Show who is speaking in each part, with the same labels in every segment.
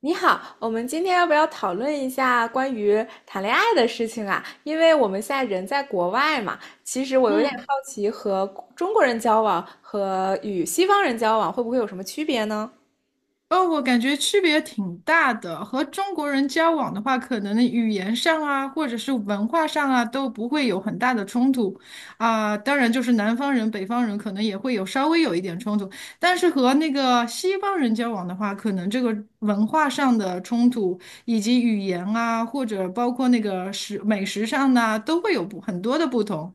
Speaker 1: 你好，我们今天要不要讨论一下关于谈恋爱的事情啊？因为我们现在人在国外嘛，其实我有点好
Speaker 2: 嗯，
Speaker 1: 奇，和中国人交往和与西方人交往会不会有什么区别呢？
Speaker 2: 哦，我感觉区别挺大的。和中国人交往的话，可能语言上啊，或者是文化上啊，都不会有很大的冲突啊。当然，就是南方人、北方人可能也会有稍微有一点冲突，但是和那个西方人交往的话，可能这个文化上的冲突，以及语言啊，或者包括那个美食上呢，都会有不很多的不同。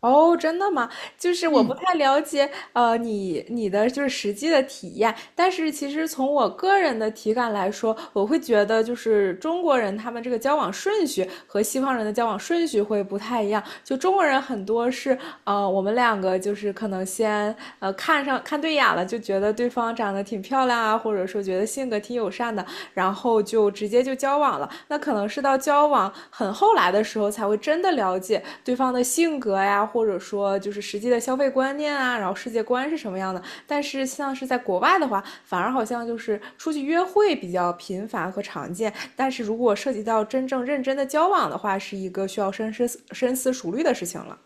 Speaker 1: 哦，真的吗？就是我不
Speaker 2: 嗯。
Speaker 1: 太了解，你的就是实际的体验，但是其实从我个人的体感来说，我会觉得就是中国人他们这个交往顺序和西方人的交往顺序会不太一样。就中国人很多是，我们两个就是可能先看上看对眼了，就觉得对方长得挺漂亮啊，或者说觉得性格挺友善的，然后就直接就交往了。那可能是到交往很后来的时候，才会真的了解对方的性格呀，或者说就是实际的消费观念啊，然后世界观是什么样的。但是像是在国外的话，反而好像就是出去约会比较频繁和常见，但是如果涉及到真正认真的交往的话，是一个需要深思熟虑的事情了。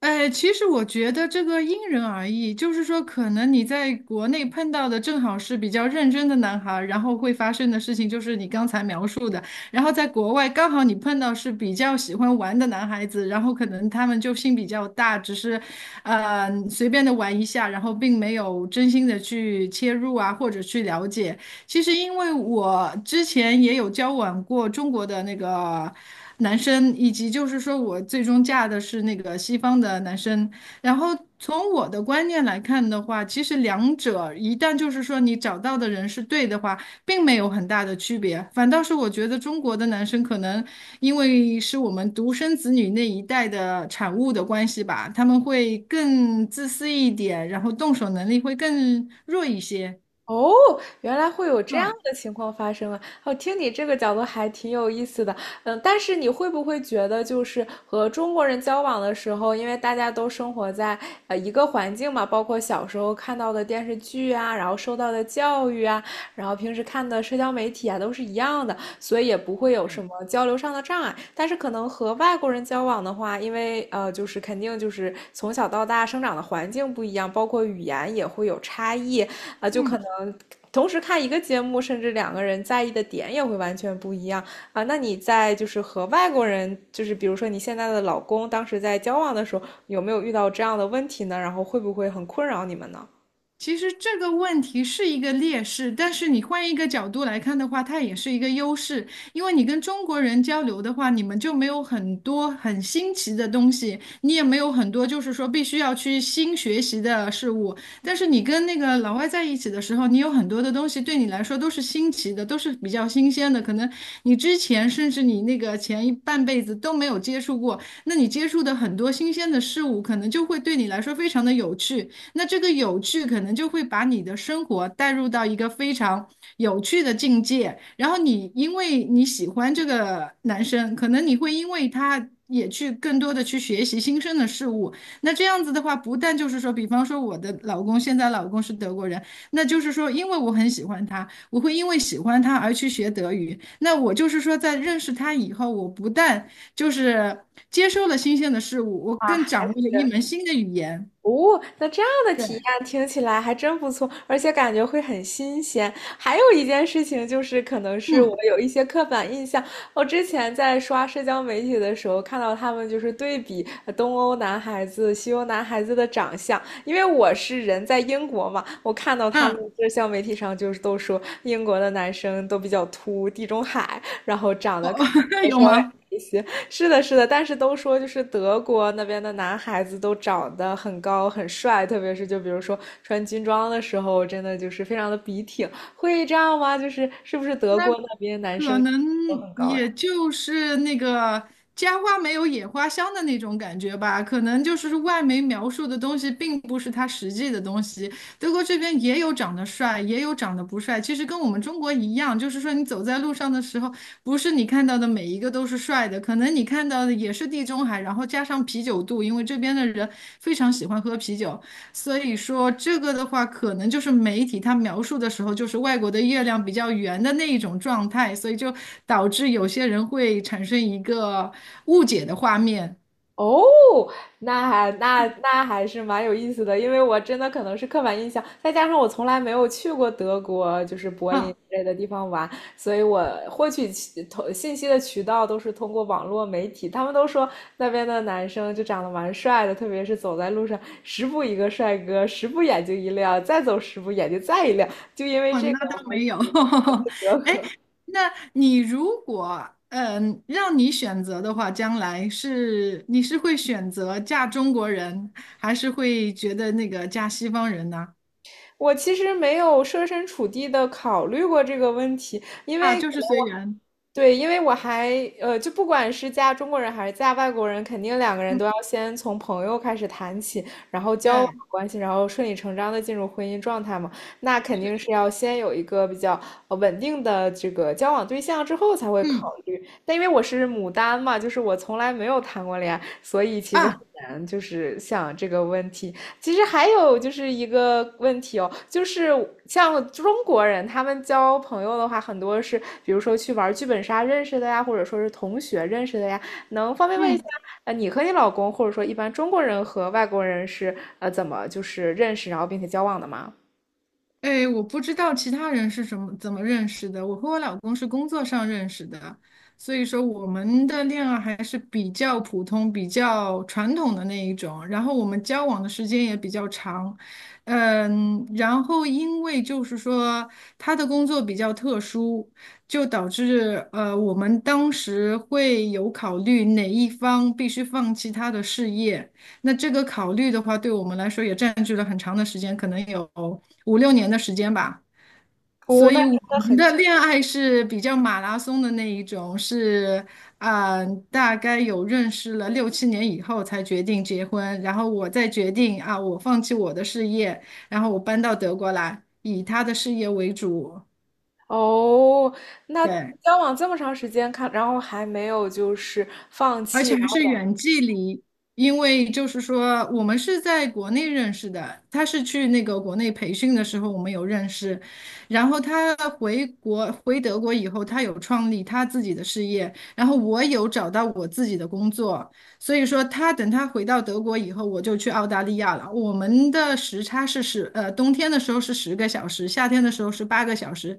Speaker 2: 哎，其实我觉得这个因人而异，就是说，可能你在国内碰到的正好是比较认真的男孩儿，然后会发生的事情就是你刚才描述的，然后在国外刚好你碰到是比较喜欢玩的男孩子，然后可能他们就心比较大，只是，随便的玩一下，然后并没有真心的去切入啊，或者去了解。其实因为我之前也有交往过中国的那个男生，以及就是说我最终嫁的是那个西方的男生。然后从我的观念来看的话，其实两者一旦就是说你找到的人是对的话，并没有很大的区别。反倒是我觉得中国的男生可能因为是我们独生子女那一代的产物的关系吧，他们会更自私一点，然后动手能力会更弱一些。
Speaker 1: 哦，原来会有这样
Speaker 2: 嗯，
Speaker 1: 的情况发生啊！哦，听你这个角度还挺有意思的。嗯，但是你会不会觉得，就是和中国人交往的时候，因为大家都生活在一个环境嘛，包括小时候看到的电视剧啊，然后受到的教育啊，然后平时看的社交媒体啊，都是一样的，所以也不会有什
Speaker 2: 对。
Speaker 1: 么交流上的障碍。但是可能和外国人交往的话，因为就是肯定就是从小到大生长的环境不一样，包括语言也会有差异。啊，就可能同时看一个节目，甚至两个人在意的点也会完全不一样啊。那你在就是和外国人，就是比如说你现在的老公，当时在交往的时候，有没有遇到这样的问题呢？然后会不会很困扰你们呢？
Speaker 2: 其实这个问题是一个劣势，但是你换一个角度来看的话，它也是一个优势，因为你跟中国人交流的话，你们就没有很多很新奇的东西，你也没有很多就是说必须要去新学习的事物。但是你跟那个老外在一起的时候，你有很多的东西对你来说都是新奇的，都是比较新鲜的，可能你之前甚至你那个前一半辈子都没有接触过，那你接触的很多新鲜的事物，可能就会对你来说非常的有趣。那这个有趣可能就会把你的生活带入到一个非常有趣的境界，然后你因为你喜欢这个男生，可能你会因为他也去更多的去学习新生的事物。那这样子的话，不但就是说，比方说我的老公现在老公是德国人，那就是说，因为我很喜欢他，我会因为喜欢他而去学德语。那我就是说，在认识他以后，我不但就是接受了新鲜的事物，我
Speaker 1: 啊，
Speaker 2: 更
Speaker 1: 还
Speaker 2: 掌握
Speaker 1: 是
Speaker 2: 了一门新的语言。
Speaker 1: 哦，那这样的体验
Speaker 2: 对，
Speaker 1: 听起来还真不错，而且感觉会很新鲜。还有一件事情就是，可能是我
Speaker 2: 嗯。
Speaker 1: 有一些刻板印象。我之前在刷社交媒体的时候，看到他们就是对比东欧男孩子、西欧男孩子的长相，因为我是人在英国嘛，我看到他们
Speaker 2: 嗯，
Speaker 1: 社交媒体上就是都说英国的男生都比较秃，地中海，然后长得可 能
Speaker 2: 有
Speaker 1: 稍微矮
Speaker 2: 吗？
Speaker 1: 一些。是的，是的，但是都说就是德国那边的男孩子都长得很高很帅，特别是就比如说穿军装的时候，真的就是非常的笔挺。会这样吗？就是是不是德
Speaker 2: 那
Speaker 1: 国那边男
Speaker 2: 可
Speaker 1: 生
Speaker 2: 能
Speaker 1: 都很高呀？
Speaker 2: 也就是那个家花没有野花香的那种感觉吧，可能就是外媒描述的东西并不是它实际的东西。德国这边也有长得帅，也有长得不帅，其实跟我们中国一样，就是说你走在路上的时候，不是你看到的每一个都是帅的，可能你看到的也是地中海，然后加上啤酒肚，因为这边的人非常喜欢喝啤酒。所以说这个的话，可能就是媒体它描述的时候，就是外国的月亮比较圆的那一种状态，所以就导致有些人会产生一个误解的画面
Speaker 1: 哦，那还是蛮有意思的，因为我真的可能是刻板印象，再加上我从来没有去过德国，就是柏林
Speaker 2: 啊。
Speaker 1: 之类的地方玩，所以我获取信息的渠道都是通过网络媒体。他们都说那边的男生就长得蛮帅的，特别是走在路上，十步一个帅哥，十步眼睛一亮，再走十步眼睛再一亮。就因为
Speaker 2: 哦，
Speaker 1: 这
Speaker 2: 那
Speaker 1: 个，我
Speaker 2: 倒
Speaker 1: 还
Speaker 2: 没
Speaker 1: 一
Speaker 2: 有。
Speaker 1: 直
Speaker 2: 哎，那你如果让你选择的话，将来是你是会选择嫁中国人，还是会觉得那个嫁西方人呢？
Speaker 1: 我其实没有设身处地的考虑过这个问题，因
Speaker 2: 啊，
Speaker 1: 为
Speaker 2: 就是随缘。
Speaker 1: 对，因为我还就不管是嫁中国人还是嫁外国人，肯定两个人
Speaker 2: 嗯，
Speaker 1: 都要先从朋友开始谈起，然后交往
Speaker 2: 对，
Speaker 1: 关系，然后顺理成章的进入婚姻状态嘛。那肯
Speaker 2: 是，
Speaker 1: 定是要先有一个比较稳定的这个交往对象之后才会考
Speaker 2: 嗯
Speaker 1: 虑。但因为我是牡丹嘛，就是我从来没有谈过恋爱，所以其实很
Speaker 2: 啊，
Speaker 1: 难就是想这个问题。其实还有就是一个问题哦，就是像中国人，他们交朋友的话，很多是比如说去玩剧本杀认识的呀，或者说是同学认识的呀。能方便问一下，
Speaker 2: 嗯。
Speaker 1: 你和你老公，或者说一般中国人和外国人是怎么就是认识，然后并且交往的吗？
Speaker 2: 哎，我不知道其他人是怎么认识的，我和我老公是工作上认识的，所以说我们的恋爱还是比较普通、比较传统的那一种，然后我们交往的时间也比较长，嗯，然后因为就是说他的工作比较特殊，就导致我们当时会有考虑哪一方必须放弃他的事业。那这个考虑的话，对我们来说也占据了很长的时间，可能有5、6年的时间吧。
Speaker 1: 哦，
Speaker 2: 所
Speaker 1: 那
Speaker 2: 以
Speaker 1: 真
Speaker 2: 我
Speaker 1: 的
Speaker 2: 们
Speaker 1: 很
Speaker 2: 的
Speaker 1: 久
Speaker 2: 恋爱是比较马拉松的那一种，是啊、大概有认识了6、7年以后才决定结婚，然后我再决定啊，我放弃我的事业，然后我搬到德国来，以他的事业为主。
Speaker 1: 哦，那
Speaker 2: 对，
Speaker 1: 交往这么长时间，看，然后还没有就是放
Speaker 2: 而
Speaker 1: 弃
Speaker 2: 且还是远距离，因为就是说我们是在国内认识的，他是去那个国内培训的时候我们有认识，然后他回国回德国以后，他有创立他自己的事业，然后我有找到我自己的工作，所以说他等他回到德国以后，我就去澳大利亚了。我们的时差是冬天的时候是10个小时，夏天的时候是8个小时。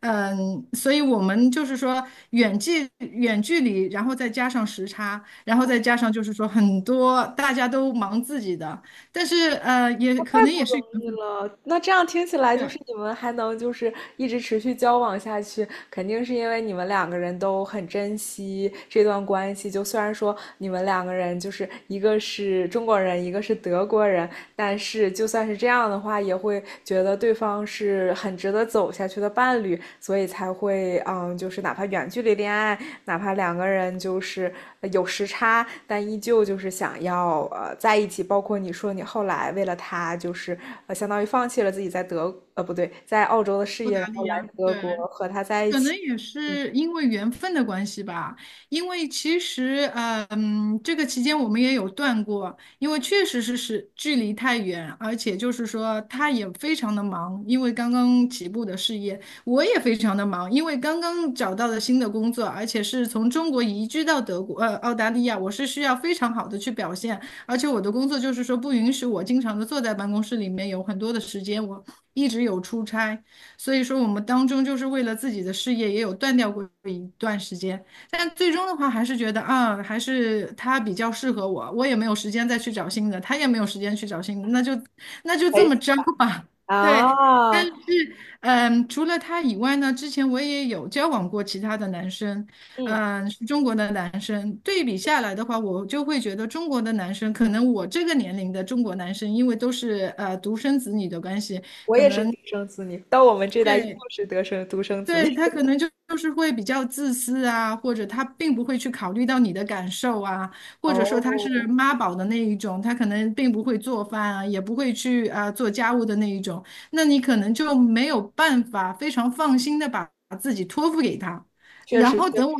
Speaker 2: 嗯，所以我们就是说远距离，然后再加上时差，然后再加上就是说很多大家都忙自己的，但是也可
Speaker 1: 太
Speaker 2: 能
Speaker 1: 不
Speaker 2: 也是
Speaker 1: 容
Speaker 2: 缘
Speaker 1: 易
Speaker 2: 分
Speaker 1: 了，那这样听起来就
Speaker 2: 对，
Speaker 1: 是你们还能就是一直持续交往下去，肯定是因为你们两个人都很珍惜这段关系。就虽然说你们两个人就是一个是中国人，一个是德国人，但是就算是这样的话，也会觉得对方是很值得走下去的伴侣，所以才会嗯，就是哪怕远距离恋爱，哪怕两个人就是有时差，但依旧就是想要在一起。包括你说你后来为了他，就是相当于放弃了自己不对，在澳洲的事
Speaker 2: 不
Speaker 1: 业，
Speaker 2: 搭
Speaker 1: 然后
Speaker 2: 理
Speaker 1: 来
Speaker 2: 啊，
Speaker 1: 德国
Speaker 2: 对，
Speaker 1: 和他在一
Speaker 2: 可能
Speaker 1: 起，
Speaker 2: 也
Speaker 1: 嗯，
Speaker 2: 是因为缘分的关系吧，因为其实，这个期间我们也有断过，因为确实是距离太远，而且就是说他也非常的忙，因为刚刚起步的事业，我也非常的忙，因为刚刚找到了新的工作，而且是从中国移居到德国，澳大利亚，我是需要非常好的去表现，而且我的工作就是说不允许我经常的坐在办公室里面，有很多的时间我一直有出差。所以说，我们当中就是为了自己的事业也有断掉过一段时间，但最终的话还是觉得啊，还是他比较适合我，我也没有时间再去找新的，他也没有时间去找新的，那就
Speaker 1: 在
Speaker 2: 这
Speaker 1: 一
Speaker 2: 么
Speaker 1: 起
Speaker 2: 着吧。对，但
Speaker 1: 啊，
Speaker 2: 是嗯，除了他以外呢，之前我也有交往过其他的男生，
Speaker 1: 嗯，
Speaker 2: 嗯，是中国的男生。对比下来的话，我就会觉得中国的男生，可能我这个年龄的中国男生，因为都是独生子女的关系。
Speaker 1: 我也是独生子女，到我们这代依旧
Speaker 2: 对，
Speaker 1: 是独生子
Speaker 2: 对，
Speaker 1: 女。
Speaker 2: 他可 能就是会比较自私啊，或者他并不会去考虑到你的感受啊，或者说他是
Speaker 1: 哦，
Speaker 2: 妈宝的那一种，他可能并不会做饭啊，也不会去啊、做家务的那一种，那你可能就没有办法非常放心的把自己托付给他。
Speaker 1: 确
Speaker 2: 然
Speaker 1: 实
Speaker 2: 后
Speaker 1: 确实，
Speaker 2: 等我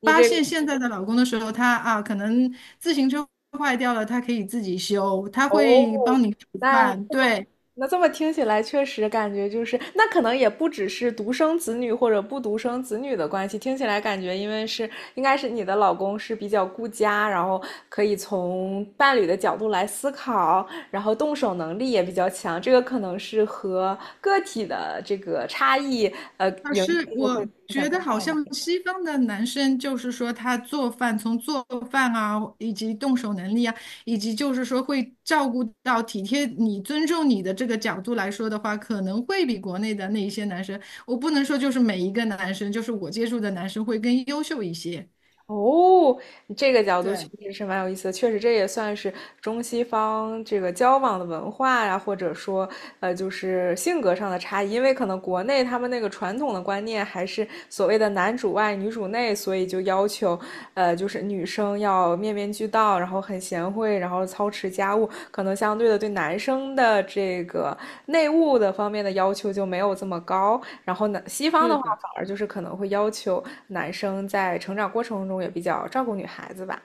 Speaker 1: 你
Speaker 2: 发
Speaker 1: 这个
Speaker 2: 现现在的老公的时候，他啊可能自行车坏掉了，他可以自己修，他会
Speaker 1: 哦，
Speaker 2: 帮你煮
Speaker 1: 那
Speaker 2: 饭，
Speaker 1: 这么
Speaker 2: 对。
Speaker 1: 那这么听起来，确实感觉就是，那可能也不只是独生子女或者不独生子女的关系，听起来感觉因为是应该是你的老公是比较顾家，然后可以从伴侣的角度来思考，然后动手能力也比较强，这个可能是和个体的这个差异，
Speaker 2: 老师，
Speaker 1: 就会
Speaker 2: 我
Speaker 1: 影响
Speaker 2: 觉
Speaker 1: 更
Speaker 2: 得
Speaker 1: 大。
Speaker 2: 好
Speaker 1: 一
Speaker 2: 像
Speaker 1: 点。
Speaker 2: 西方的男生，就是说他做饭，从做饭啊，以及动手能力啊，以及就是说会照顾到体贴你、尊重你的这个角度来说的话，可能会比国内的那一些男生，我不能说就是每一个男生，就是我接触的男生会更优秀一些。
Speaker 1: 哦，这个角度确
Speaker 2: 对，
Speaker 1: 实是蛮有意思的，确实这也算是中西方这个交往的文化呀、或者说就是性格上的差异。因为可能国内他们那个传统的观念还是所谓的男主外女主内，所以就要求就是女生要面面俱到，然后很贤惠，然后操持家务，可能相对的对男生的这个内务的方面的要求就没有这么高。然后呢，西方的
Speaker 2: 是
Speaker 1: 话
Speaker 2: 的。
Speaker 1: 反而就是可能会要求男生在成长过程中也比较照顾女孩子吧。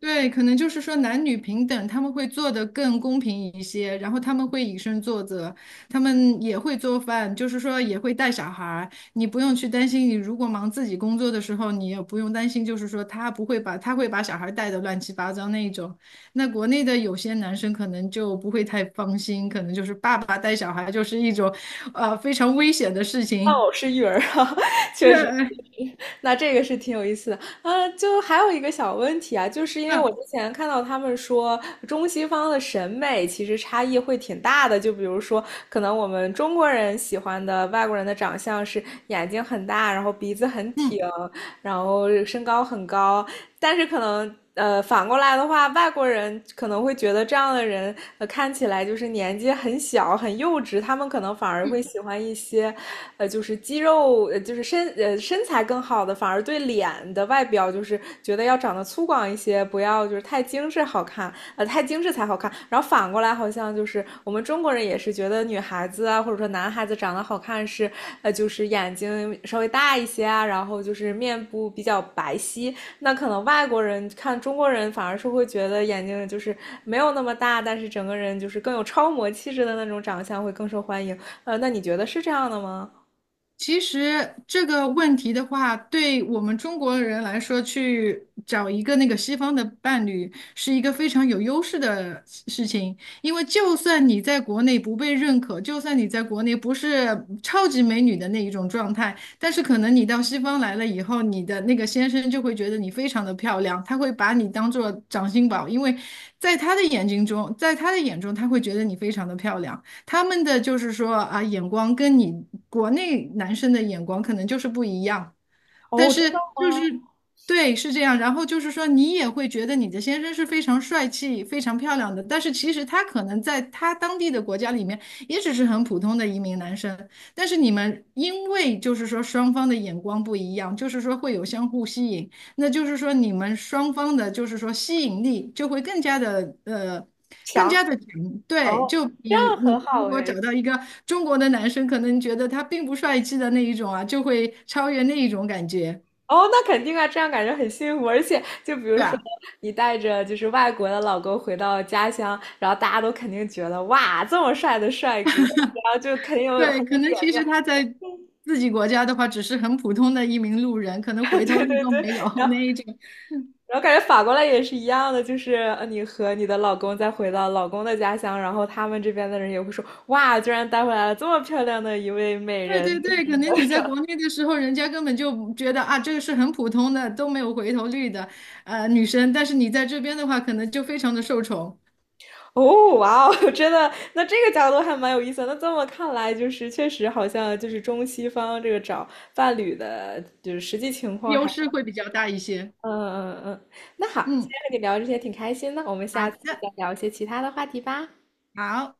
Speaker 2: 对，可能就是说男女平等，他们会做得更公平一些，然后他们会以身作则，他们也会做饭，就是说也会带小孩儿，你不用去担心，你如果忙自己工作的时候，你也不用担心，就是说他不会把他会把小孩儿带的乱七八糟那一种。那国内的有些男生可能就不会太放心，可能就是爸爸带小孩就是一种，非常危险的事情。
Speaker 1: 哦，是育儿啊，确实，那这个是挺有意思的啊。就还有一个小问题啊，就是因
Speaker 2: 对，
Speaker 1: 为我之
Speaker 2: 嗯
Speaker 1: 前看到他们说中西方的审美其实差异会挺大的，就比如说，可能我们中国人喜欢的外国人的长相是眼睛很大，然后鼻子很挺，
Speaker 2: 嗯。
Speaker 1: 然后身高很高，但是可能。反过来的话，外国人可能会觉得这样的人，看起来就是年纪很小、很幼稚，他们可能反而会喜欢一些就是肌肉，就是身材更好的，反而对脸的外表就是觉得要长得粗犷一些，不要就是太精致好看，太精致才好看。然后反过来，好像就是我们中国人也是觉得女孩子啊，或者说男孩子长得好看是，就是眼睛稍微大一些啊，然后就是面部比较白皙。那可能外国人看中国人，反而是会觉得眼睛就是没有那么大，但是整个人就是更有超模气质的那种长相会更受欢迎。那你觉得是这样的吗？
Speaker 2: 其实这个问题的话，对我们中国人来说，去找一个那个西方的伴侣是一个非常有优势的事情，因为就算你在国内不被认可，就算你在国内不是超级美女的那一种状态，但是可能你到西方来了以后，你的那个先生就会觉得你非常的漂亮，他会把你当做掌心宝，因为在他的眼睛中，在他的眼中，他会觉得你非常的漂亮。他们的就是说啊，眼光跟你国内男生的眼光可能就是不一样，但是就是对，是这样。然后就是说，你也会觉得你的先生是非常帅气、非常漂亮的，但是其实他可能在他当地的国家里面也只是很普通的一名男生。但是你们因为就是说双方的眼光不一样，就是说会有相互吸引，那就是说你们双方的，就是说吸引力就会更加的更
Speaker 1: 强
Speaker 2: 加的强。对，
Speaker 1: 哦，
Speaker 2: 就
Speaker 1: 这样
Speaker 2: 比
Speaker 1: 很
Speaker 2: 你如
Speaker 1: 好
Speaker 2: 果找
Speaker 1: 哎。
Speaker 2: 到一个中国的男生，可能觉得他并不帅气的那一种啊，就会超越那一种感觉，
Speaker 1: 哦，那肯定啊，这样感觉很幸福。而且，就比
Speaker 2: 对
Speaker 1: 如说
Speaker 2: 吧？
Speaker 1: 你带着就是外国的老公回到家乡，然后大家都肯定觉得哇，这么帅的帅哥，然后就肯定有很
Speaker 2: 对，
Speaker 1: 有
Speaker 2: 可能
Speaker 1: 脸
Speaker 2: 其
Speaker 1: 面。
Speaker 2: 实他在自己国家的话，只是很普通的一名路人，可能
Speaker 1: 对
Speaker 2: 回头率
Speaker 1: 对
Speaker 2: 都
Speaker 1: 对，
Speaker 2: 没有
Speaker 1: 然后
Speaker 2: 那一种。
Speaker 1: 然后感觉反过来也是一样的，就是你和你的老公再回到老公的家乡，然后他们这边的人也会说哇，居然带回来了这么漂亮的一位美
Speaker 2: 对对
Speaker 1: 人，
Speaker 2: 对，可能你在国内的时候，人家根本就觉得啊，这个是很普通的，都没有回头率的，女生。但是你在这边的话，可能就非常的受宠，
Speaker 1: 哦，哇哦，真的，那这个角度还蛮有意思的那这么看来，就是确实好像就是中西方这个找伴侣的，就是实际情况
Speaker 2: 优
Speaker 1: 还，
Speaker 2: 势会比较大一些。
Speaker 1: 嗯。嗯那好，今
Speaker 2: 嗯，
Speaker 1: 天和你聊这些挺开心的，我们
Speaker 2: 好
Speaker 1: 下次
Speaker 2: 的，
Speaker 1: 再聊一些其他的话题吧。
Speaker 2: 好。